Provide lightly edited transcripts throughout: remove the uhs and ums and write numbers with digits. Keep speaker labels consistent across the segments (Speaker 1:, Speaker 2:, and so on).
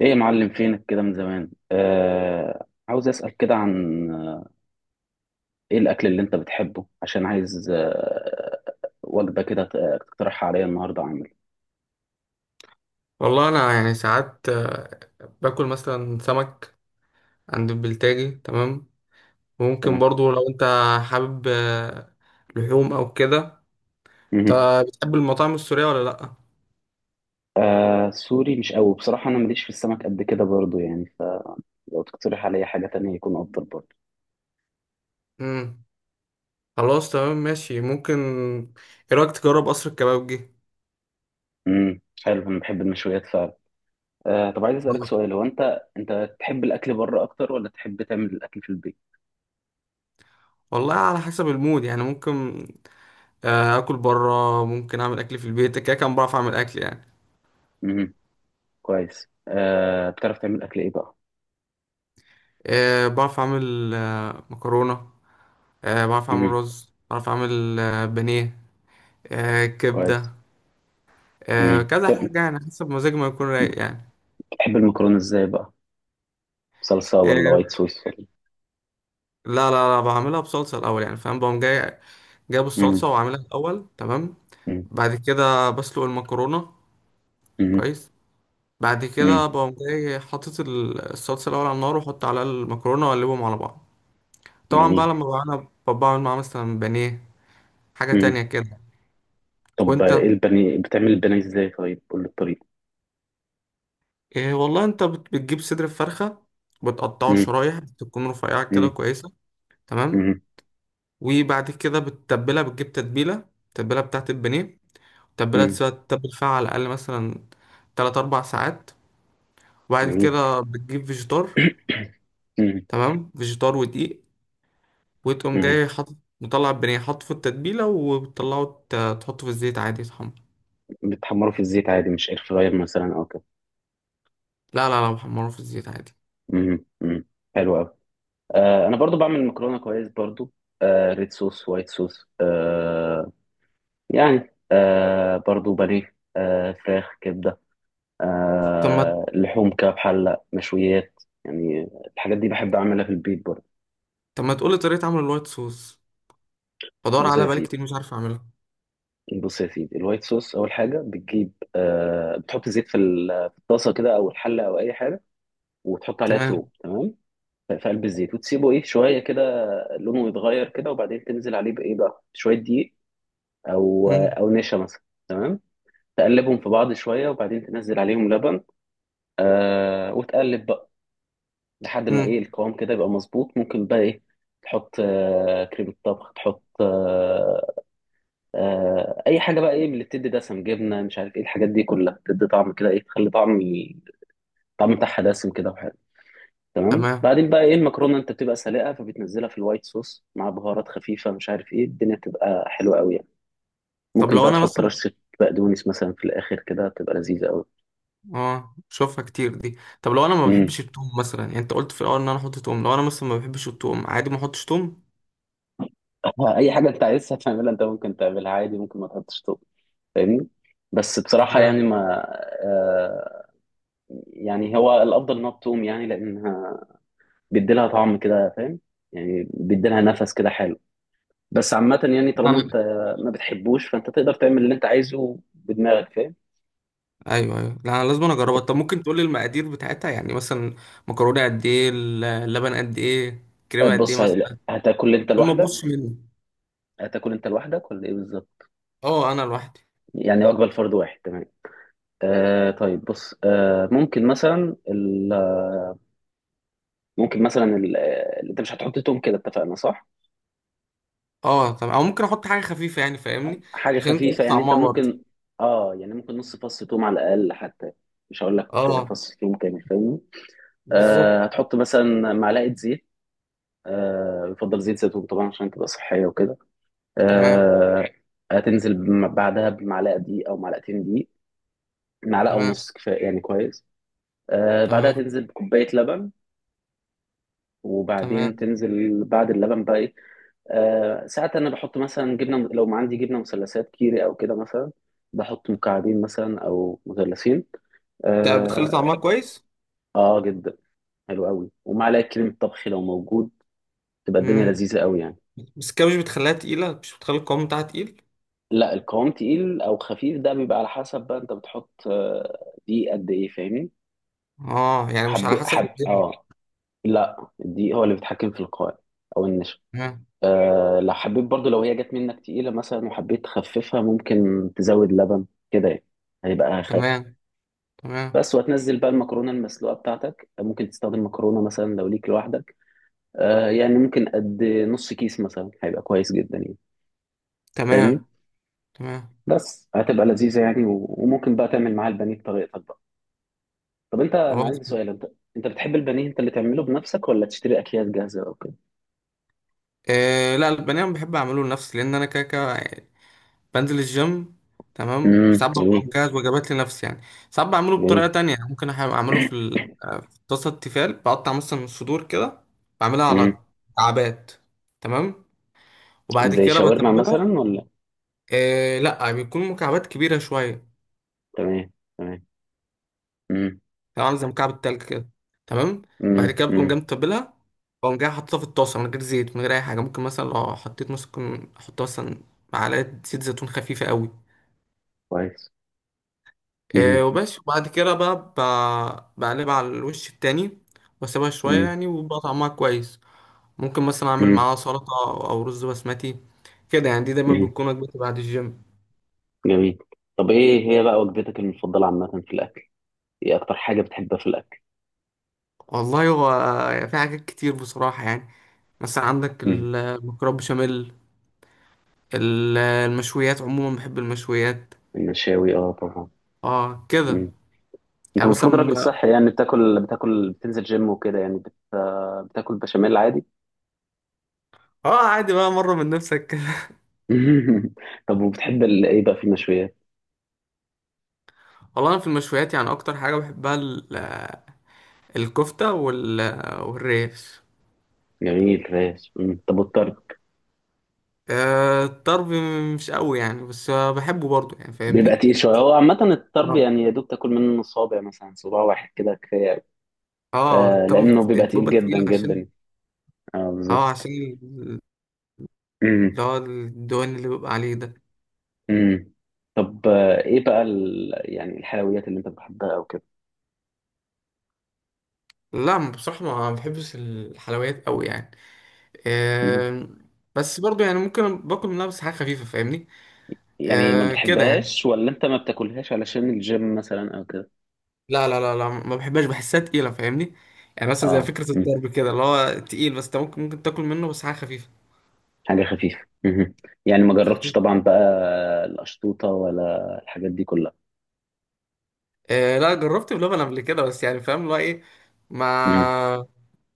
Speaker 1: ايه يا معلم، فينك كده من زمان؟ عاوز اسأل كده عن ايه الاكل اللي انت بتحبه، عشان عايز وجبة كده تقترحها عليا النهارده اعمل.
Speaker 2: والله انا يعني ساعات باكل مثلا سمك عند البلتاجي. تمام. وممكن
Speaker 1: تمام.
Speaker 2: برضو لو انت حابب لحوم او كده. انت
Speaker 1: مهم.
Speaker 2: بتحب المطاعم السورية ولا لا؟
Speaker 1: سوري مش قوي بصراحة، انا ماليش في السمك قد كده برضو يعني، فلو تقترح عليا حاجة تانية يكون افضل برضو.
Speaker 2: امم خلاص، تمام، ماشي. ممكن ايه رايك تجرب قصر الكبابجي.
Speaker 1: حلو، انا بحب المشويات فعلا. طب عايز اسألك سؤال، هو انت تحب الاكل بره اكتر ولا تحب تعمل الاكل في البيت؟
Speaker 2: والله على حسب المود يعني، ممكن اكل بره، ممكن اعمل اكل في البيت. كده كان بعرف اعمل اكل يعني.
Speaker 1: امم كويس. بتعرف تعمل اكل ايه بقى؟
Speaker 2: بعرف اعمل مكرونة، بعرف اعمل
Speaker 1: امم
Speaker 2: رز، بعرف اعمل بانيه،
Speaker 1: كويس.
Speaker 2: كبدة،
Speaker 1: مم.
Speaker 2: كذا حاجة يعني، حسب مزاجي ما يكون رايق يعني.
Speaker 1: تحب المكرونة ازاي بقى؟ صلصة
Speaker 2: آه،
Speaker 1: ولا وايت صوص؟
Speaker 2: لا لا لا، بعملها بصلصة الأول يعني، فاهم؟ بقوم جاي جايب
Speaker 1: امم
Speaker 2: الصلصة وعاملها الأول. تمام،
Speaker 1: امم
Speaker 2: بعد كده بسلق المكرونة،
Speaker 1: امم
Speaker 2: كويس. بعد
Speaker 1: امم
Speaker 2: كده بقوم جاي حاطط الصلصة الأول على النار، وأحط عليها المكرونة وأقلبهم على بعض. طبعا بقى
Speaker 1: جميل.
Speaker 2: لما بقى أنا بعمل معاها مثلا بانيه، حاجة
Speaker 1: امم
Speaker 2: تانية كده.
Speaker 1: طب
Speaker 2: وأنت
Speaker 1: ايه البني، بتعمل البني ازاي؟ طيب قول لي الطريقة.
Speaker 2: إيه والله، أنت بتجيب صدر الفرخة، بتقطعه
Speaker 1: امم
Speaker 2: شرايح تكون رفيعة كده
Speaker 1: امم
Speaker 2: كويسة. تمام،
Speaker 1: امم
Speaker 2: وبعد كده بتتبلها، بتجيب تتبيلة، التتبيلة بتاعت البانيه. التتبيلة
Speaker 1: امم
Speaker 2: تسيبها تتبل فيها على الأقل مثلا 3 4 ساعات. وبعد
Speaker 1: جميل.
Speaker 2: كده بتجيب فيجيتار.
Speaker 1: امم
Speaker 2: تمام، فيجيتار ودقيق، وتقوم
Speaker 1: امم
Speaker 2: جاي حاطط مطلع البانيه، حاطه في التتبيلة، وبتطلعه تحطه في الزيت عادي يتحمر.
Speaker 1: بتحمره في الزيت عادي، مش اير فراير مثلا او كده؟
Speaker 2: لا لا لا، محمره في الزيت عادي.
Speaker 1: امم امم حلو قوي. انا برضو بعمل مكرونة كويس برضو، ريد صوص، وايت صوص، يعني برضو بانيه، فراخ، كبدة،
Speaker 2: طب ما،
Speaker 1: لحوم كده بحلة، مشويات يعني. الحاجات دي بحب أعملها في البيت برضه.
Speaker 2: طب ما تقولي طريقة عمل الوايت صوص؟ بدور
Speaker 1: بص
Speaker 2: عليها
Speaker 1: يا
Speaker 2: بقالي
Speaker 1: سيدي،
Speaker 2: كتير، مش عارف أعملها.
Speaker 1: بص يا سيدي، الوايت صوص أول حاجة بتجيب بتحط زيت في في الطاسة كده، أو الحلة أو أي حاجة. وتحط عليها توم،
Speaker 2: تمام.
Speaker 1: تمام. في قلب الزيت وتسيبه إيه شوية كده، لونه يتغير كده. وبعدين تنزل عليه بإيه بقى، شوية دقيق، أو
Speaker 2: مم.
Speaker 1: أو نشا مثلا. تمام. تقلبهم في بعض شوية، وبعدين تنزل عليهم لبن. وتقلب بقى لحد ما ايه
Speaker 2: مم.
Speaker 1: القوام كده يبقى مظبوط. ممكن بقى ايه، تحط كريمة طبخ، تحط اي حاجة بقى، ايه من اللي بتدي دسم، جبنة، مش عارف ايه الحاجات دي كلها، بتدي طعم كده، ايه تخلي طعم، الطعم بتاعها دسم كده وحلو. تمام.
Speaker 2: تمام.
Speaker 1: بعدين بقى ايه، المكرونة انت بتبقى سالقة فبتنزلها في الوايت صوص مع بهارات خفيفة، مش عارف ايه، الدنيا بتبقى حلوة قوي يعني.
Speaker 2: طب
Speaker 1: ممكن
Speaker 2: لو
Speaker 1: بقى
Speaker 2: أنا
Speaker 1: تحط
Speaker 2: مثلا،
Speaker 1: رشة بقدونس مثلا في الاخر كده، بتبقى لذيذة قوي.
Speaker 2: اه بشوفها كتير دي. طب لو انا ما
Speaker 1: امم
Speaker 2: بحبش التوم مثلا يعني، انت قلت في الاول ان انا احط توم، لو انا مثلا ما بحبش التوم، عادي ما احطش توم؟
Speaker 1: اي حاجة انت عايزها تعملها، انت ممكن تعملها عادي، ممكن ما تحطش. فاهمني؟ بس بصراحة يعني
Speaker 2: تمام.
Speaker 1: ما آه يعني هو الأفضل إنها بتقوم يعني، لأنها بيديلها طعم كده، فاهم؟ يعني بيديلها نفس كده حلو. بس عامة يعني، طالما
Speaker 2: انا،
Speaker 1: أنت ما بتحبوش، فأنت تقدر تعمل اللي أنت عايزه بدماغك، فاهم؟
Speaker 2: ايوه ايوه، لا انا لازم أنا
Speaker 1: أنت،
Speaker 2: اجربها. طب ممكن تقول لي المقادير بتاعتها يعني، مثلا مكرونه قد ايه، اللبن قد ايه، كريمه قد ايه
Speaker 1: بص،
Speaker 2: مثلا؟
Speaker 1: هتاكل أنت
Speaker 2: عشان ما تبصش
Speaker 1: لوحدك
Speaker 2: مني.
Speaker 1: هتاكل أنت لوحدك ولا إيه بالظبط؟
Speaker 2: اه انا لوحدي.
Speaker 1: يعني وجبة لفرد واحد، تمام. طيب بص، ممكن مثلا ال- ممكن مثلا ال- آه، انت مش هتحط توم كده، اتفقنا؟ صح؟
Speaker 2: اه، طب او ممكن احط حاجه خفيفه يعني، فاهمني؟
Speaker 1: حاجة
Speaker 2: عشان انت
Speaker 1: خفيفة
Speaker 2: قلت
Speaker 1: يعني، انت
Speaker 2: طعمها برضه.
Speaker 1: ممكن، اه يعني ممكن نص فص ثوم على الأقل حتى. مش هقول لك
Speaker 2: اه
Speaker 1: فص ثوم كامل، فاهمني.
Speaker 2: بالظبط.
Speaker 1: هتحط مثلا معلقة زيت، يفضل زيت زيتون طبعا عشان تبقى صحية وكده.
Speaker 2: تمام.
Speaker 1: آه هتنزل بعدها بمعلقة دقيق أو معلقتين دقيق. معلقة
Speaker 2: تمام.
Speaker 1: ونص كفاية يعني. كويس. بعدها
Speaker 2: تمام.
Speaker 1: تنزل بكوباية لبن.
Speaker 2: تمام،
Speaker 1: وبعدين تنزل بعد اللبن بقى إيه؟ ساعات أنا بحط مثلا جبنة، لو ما عندي جبنة مثلثات كيري أو كده، مثلا بحط مكعبين مثلا أو مثلثين.
Speaker 2: انت بتخلي
Speaker 1: اه.
Speaker 2: طعمها كويس.
Speaker 1: آه، جدا. حلو قوي. ومعلقه كريمه طبخ لو موجود، تبقى الدنيا
Speaker 2: مم.
Speaker 1: لذيذه قوي يعني.
Speaker 2: بس كده مش بتخليها تقيلة، مش بتخلي القوام بتاعها تقيل؟
Speaker 1: لا، القوام تقيل او خفيف ده بيبقى على حسب بقى، انت بتحط دي قد ايه، فاهمني.
Speaker 2: اه يعني مش على
Speaker 1: حب
Speaker 2: حسب
Speaker 1: حب،
Speaker 2: الدنيا.
Speaker 1: اه، لا، الدقيق هو اللي بيتحكم في القوام، او النشا.
Speaker 2: تمام.
Speaker 1: لو حبيت برضو، لو هي جت منك تقيله مثلا وحبيت تخففها، ممكن تزود لبن كده يعني، هيبقى اخف.
Speaker 2: تمام. تمام.
Speaker 1: بس وتنزل بقى المكرونه المسلوقه بتاعتك، ممكن تستخدم مكرونه مثلا لو ليك لوحدك، يعني ممكن قد نص كيس مثلا هيبقى كويس جدا يعني، فاهمني.
Speaker 2: تمام. تمام.
Speaker 1: بس هتبقى لذيذة يعني، وممكن بقى تعمل معاها البانيه بطريقتك بقى. طب انا
Speaker 2: خلاص.
Speaker 1: عندي سؤال، انت بتحب البانيه، انت اللي تعمله بنفسك ولا تشتري اكياس جاهزة او كده؟
Speaker 2: آه لا، البنان بحب اعمله لنفسي، لان انا كده كده بنزل الجيم. تمام، وساعات ببقى
Speaker 1: جميل.
Speaker 2: مجهز وجبات لنفسي يعني. ساعات بعمله بطريقة
Speaker 1: جميل.
Speaker 2: تانية يعني، ممكن اعمله في في طاسة التيفال، بقطع مثلا الصدور كده، بعملها
Speaker 1: امم
Speaker 2: على مكعبات. تمام. وبعد
Speaker 1: زي
Speaker 2: كده
Speaker 1: شاورما
Speaker 2: بتبلها.
Speaker 1: مثلا ولا؟
Speaker 2: آه لا، بيكون مكعبات كبيرة شوية،
Speaker 1: تمام. تمام. امم
Speaker 2: تبقى عامله زي مكعب التلج كده. تمام. بعد
Speaker 1: امم
Speaker 2: كده بقوم جاي
Speaker 1: امم
Speaker 2: متبلها، بقوم جاي حاططها في الطاسه من غير زيت، من غير اي حاجه. ممكن مثلا لو حطيت، ممكن احط مثلا معلقه زيت زيتون خفيفه قوي.
Speaker 1: كويس.
Speaker 2: إيه
Speaker 1: امم
Speaker 2: وبس، وبعد كده بقى بقلبها على الوش التاني واسيبها شويه
Speaker 1: امم
Speaker 2: يعني، وبقى طعمها كويس. ممكن مثلا اعمل
Speaker 1: امم
Speaker 2: معاها سلطه او رز بسمتي كده يعني. دي دايما
Speaker 1: امم
Speaker 2: بتكون وجبتي بعد الجيم.
Speaker 1: جميل. طب ايه هي بقى وجبتك المفضلة عامة في الاكل؟ ايه اكتر حاجة بتحبها في الاكل؟
Speaker 2: والله هو في حاجات كتير بصراحه يعني. مثلا عندك
Speaker 1: امم
Speaker 2: المكرونه بشاميل، المشويات عموما، بحب المشويات.
Speaker 1: المشاوي، اه، طبعا.
Speaker 2: اه كده
Speaker 1: انت
Speaker 2: يعني،
Speaker 1: المفروض
Speaker 2: مثلا
Speaker 1: راجل
Speaker 2: بقى،
Speaker 1: صحي يعني، بتاكل بتنزل جيم وكده يعني بتاكل بشاميل عادي؟
Speaker 2: اه عادي بقى، مرة من نفسك كده.
Speaker 1: طب وبتحب ايه بقى في المشويات؟
Speaker 2: والله انا في المشويات يعني اكتر حاجة بحبها الكفتة وال... والريش.
Speaker 1: جميل ماشي. مم. طب والطرب؟
Speaker 2: آه الطرب مش قوي يعني، بس بحبه برضه يعني،
Speaker 1: بيبقى
Speaker 2: فاهمني؟
Speaker 1: تقيل شويه هو عامه، الطرب
Speaker 2: اه
Speaker 1: يعني يا دوب تاكل منه صابع مثلا، صباع واحد كده كفايه أوي.
Speaker 2: اه الطرب
Speaker 1: لانه بيبقى تقيل
Speaker 2: بيبقى
Speaker 1: جدا
Speaker 2: تقيل عشان،
Speaker 1: جدا. اه،
Speaker 2: اه
Speaker 1: بالظبط.
Speaker 2: عشان ال-
Speaker 1: مم.
Speaker 2: اللي هو الدهون اللي بيبقى عليه ده.
Speaker 1: مم. طب ايه بقى يعني الحلويات اللي انت بتحبها او كده؟
Speaker 2: لا بصراحة ما بحبش الحلويات قوي يعني.
Speaker 1: مم.
Speaker 2: آه، بس برضه يعني، ممكن باكل منها بس حاجة خفيفة، فاهمني؟
Speaker 1: يعني ما
Speaker 2: آه كده يعني.
Speaker 1: بتحبهاش ولا انت ما بتاكلهاش علشان الجيم مثلا او كده؟
Speaker 2: لا لا لا لا، ما بحبهاش، بحسها تقيلة فاهمني؟ يعني مثلا زي
Speaker 1: اه،
Speaker 2: فكرة الطرب كده اللي هو تقيل، بس انت ممكن ممكن تاكل منه بس حاجة خفيفة.
Speaker 1: حاجة خفيفة. مهم. يعني ما جربتش طبعا بقى القشطوطة ولا الحاجات دي كلها؟
Speaker 2: آه لا، جربت بلبن قبل كده، بس يعني فاهم اللي هو ايه،
Speaker 1: مهم.
Speaker 2: ما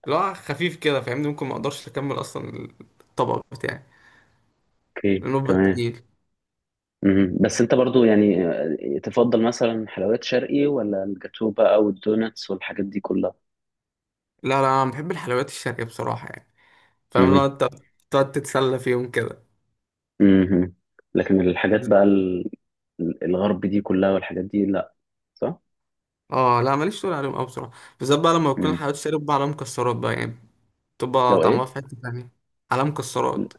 Speaker 2: اللي هو خفيف كده، فاهمني؟ ممكن ما اقدرش اكمل اصلا الطبق بتاعي
Speaker 1: اوكي.
Speaker 2: لانه بيبقى
Speaker 1: تمام.
Speaker 2: تقيل.
Speaker 1: مهم. بس انت برضو يعني تفضل مثلا حلويات شرقي ولا الجاتو بقى والدوناتس والحاجات دي كلها؟
Speaker 2: لا لا، انا بحب الحلويات الشرقية بصراحة يعني، فاهم؟ لو
Speaker 1: مهم.
Speaker 2: انت تقعد تتسلى فيهم كده.
Speaker 1: مهم. لكن الحاجات بقى الغرب دي كلها، والحاجات دي لا، صح؟
Speaker 2: اه لا، ماليش تقول عليهم قوي بصراحة. بالذات بقى لما بكون
Speaker 1: مم.
Speaker 2: الحلويات الشرقية بقى عليها مكسرات بقى يعني، تبقى
Speaker 1: لو
Speaker 2: طعمها
Speaker 1: ايه،
Speaker 2: في حتة تانية، على مكسرات.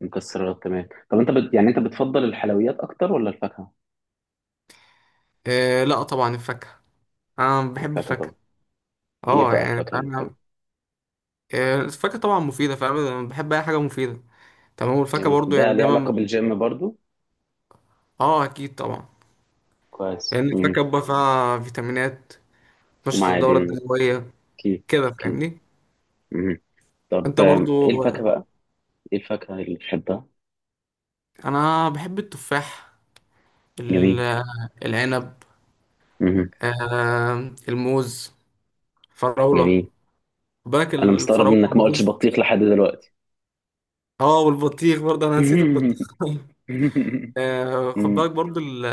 Speaker 1: مكسرات. تمام. طب انت يعني انت بتفضل الحلويات اكتر ولا الفاكهة؟
Speaker 2: إيه لا طبعا الفاكهة، أنا بحب
Speaker 1: الفاكهة
Speaker 2: الفاكهة.
Speaker 1: طبعا. ايه
Speaker 2: اه
Speaker 1: بقى
Speaker 2: يعني
Speaker 1: الفاكهة اللي، تمام.
Speaker 2: فاهم، إيه الفاكهة طبعا مفيدة، فاهم؟ أنا بحب أي حاجة مفيدة. تمام، والفاكهة
Speaker 1: جميل.
Speaker 2: برضو يعني
Speaker 1: ده ليه علاقة
Speaker 2: دايما.
Speaker 1: بالجيم برضو؟
Speaker 2: اه أكيد طبعا،
Speaker 1: كويس.
Speaker 2: لأن
Speaker 1: مم.
Speaker 2: الفاكهة بقى فيها فيتامينات تنشط الدورة
Speaker 1: ومعادن.
Speaker 2: الدموية
Speaker 1: اوكي.
Speaker 2: كده،
Speaker 1: اوكي.
Speaker 2: فاهمني؟
Speaker 1: مم. طب
Speaker 2: أنت
Speaker 1: ايه
Speaker 2: برضو
Speaker 1: الفاكهة بقى؟ ايه الفاكهة اللي بتحبها؟
Speaker 2: أنا بحب التفاح،
Speaker 1: جميل.
Speaker 2: ال- العنب،
Speaker 1: مم.
Speaker 2: آه الموز، الفراولة.
Speaker 1: جميل.
Speaker 2: خد بالك
Speaker 1: انا مستغرب
Speaker 2: الفراولة
Speaker 1: انك ما قلتش
Speaker 2: والموز.
Speaker 1: بطيخ لحد دلوقتي.
Speaker 2: اه والبطيخ برضه، أنا نسيت البطيخ. خد
Speaker 1: مم.
Speaker 2: بالك برضو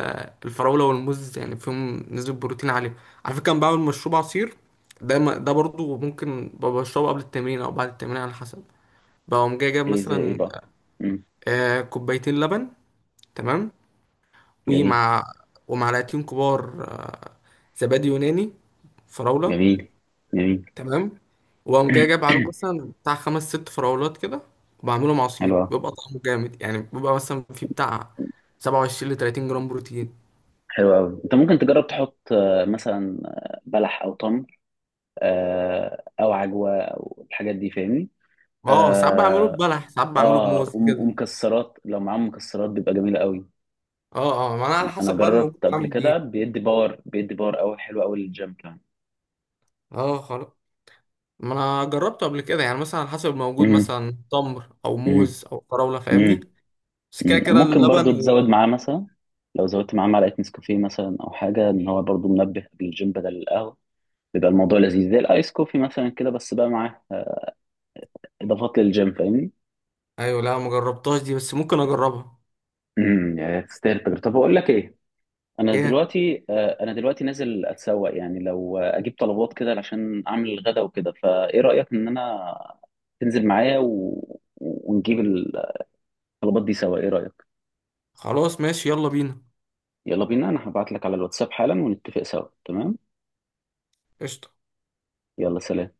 Speaker 2: الفراولة والموز يعني فيهم نسبة بروتين عالية. على فكرة أنا بعمل مشروب عصير ده، ده برضو ممكن ببقى بشربه قبل التمرين أو بعد التمرين على حسب. بقوم جاي جايب
Speaker 1: ايه زي ايه
Speaker 2: مثلا
Speaker 1: بقى؟ مم.
Speaker 2: 2 كوباية لبن. تمام.
Speaker 1: جميل.
Speaker 2: ومع ومعلقتين كبار زبادي يوناني فراولة.
Speaker 1: جميل. جميل.
Speaker 2: تمام. وأقوم جاي جايب عليهم مثلا بتاع 5 6 فراولات كده، وبعملهم عصير
Speaker 1: حلو أوي.
Speaker 2: بيبقى طعمه جامد يعني. بيبقى مثلا فيه بتاع 27 30 جرام بروتين.
Speaker 1: حلو أوي. أنت ممكن تجرب تحط مثلا بلح أو تمر، أو عجوة أو الحاجات دي، فاهمني.
Speaker 2: اه ساعات بعمله
Speaker 1: آه،
Speaker 2: ببلح، ساعات بعمله
Speaker 1: اه،
Speaker 2: بموز كده.
Speaker 1: ومكسرات، لو معاهم مكسرات بيبقى جميلة قوي.
Speaker 2: اه اه، ما انا على
Speaker 1: انا
Speaker 2: حسب بقى الموجود
Speaker 1: جربت قبل
Speaker 2: بعمل
Speaker 1: كده
Speaker 2: بيه.
Speaker 1: بيدي باور، بيدي باور قوي، حلو قوي للجيم كمان.
Speaker 2: اه خلاص، ما انا جربته قبل كده يعني مثلا على حسب الموجود،
Speaker 1: مم.
Speaker 2: مثلا تمر او
Speaker 1: مم.
Speaker 2: موز او فراوله، فاهمني؟
Speaker 1: مم.
Speaker 2: بس كده
Speaker 1: مم.
Speaker 2: كده
Speaker 1: ممكن
Speaker 2: اللبن
Speaker 1: برضو تزود
Speaker 2: وال...
Speaker 1: معاه مثلا، لو زودت معاه معلقة نسكافيه مثلا او حاجة، ان هو برضو منبه قبل الجيم بدل القهوة، بيبقى الموضوع لذيذ زي الايس كوفي مثلا كده، بس بقى معاه اضافات للجيم، فاهمني.
Speaker 2: ايوه لا، ما جربتهاش دي، بس ممكن اجربها.
Speaker 1: يا تستاهل التجربة. طب اقول لك ايه، انا
Speaker 2: ايه
Speaker 1: دلوقتي نازل اتسوق يعني، لو اجيب طلبات كده عشان اعمل الغدا وكده، فايه رايك ان انا تنزل معايا ونجيب الطلبات دي سوا، ايه رايك؟
Speaker 2: خلاص ماشي، يلا بينا.
Speaker 1: يلا بينا، انا هبعت لك على الواتساب حالا ونتفق سوا، تمام.
Speaker 2: قشطه.
Speaker 1: يلا، سلام.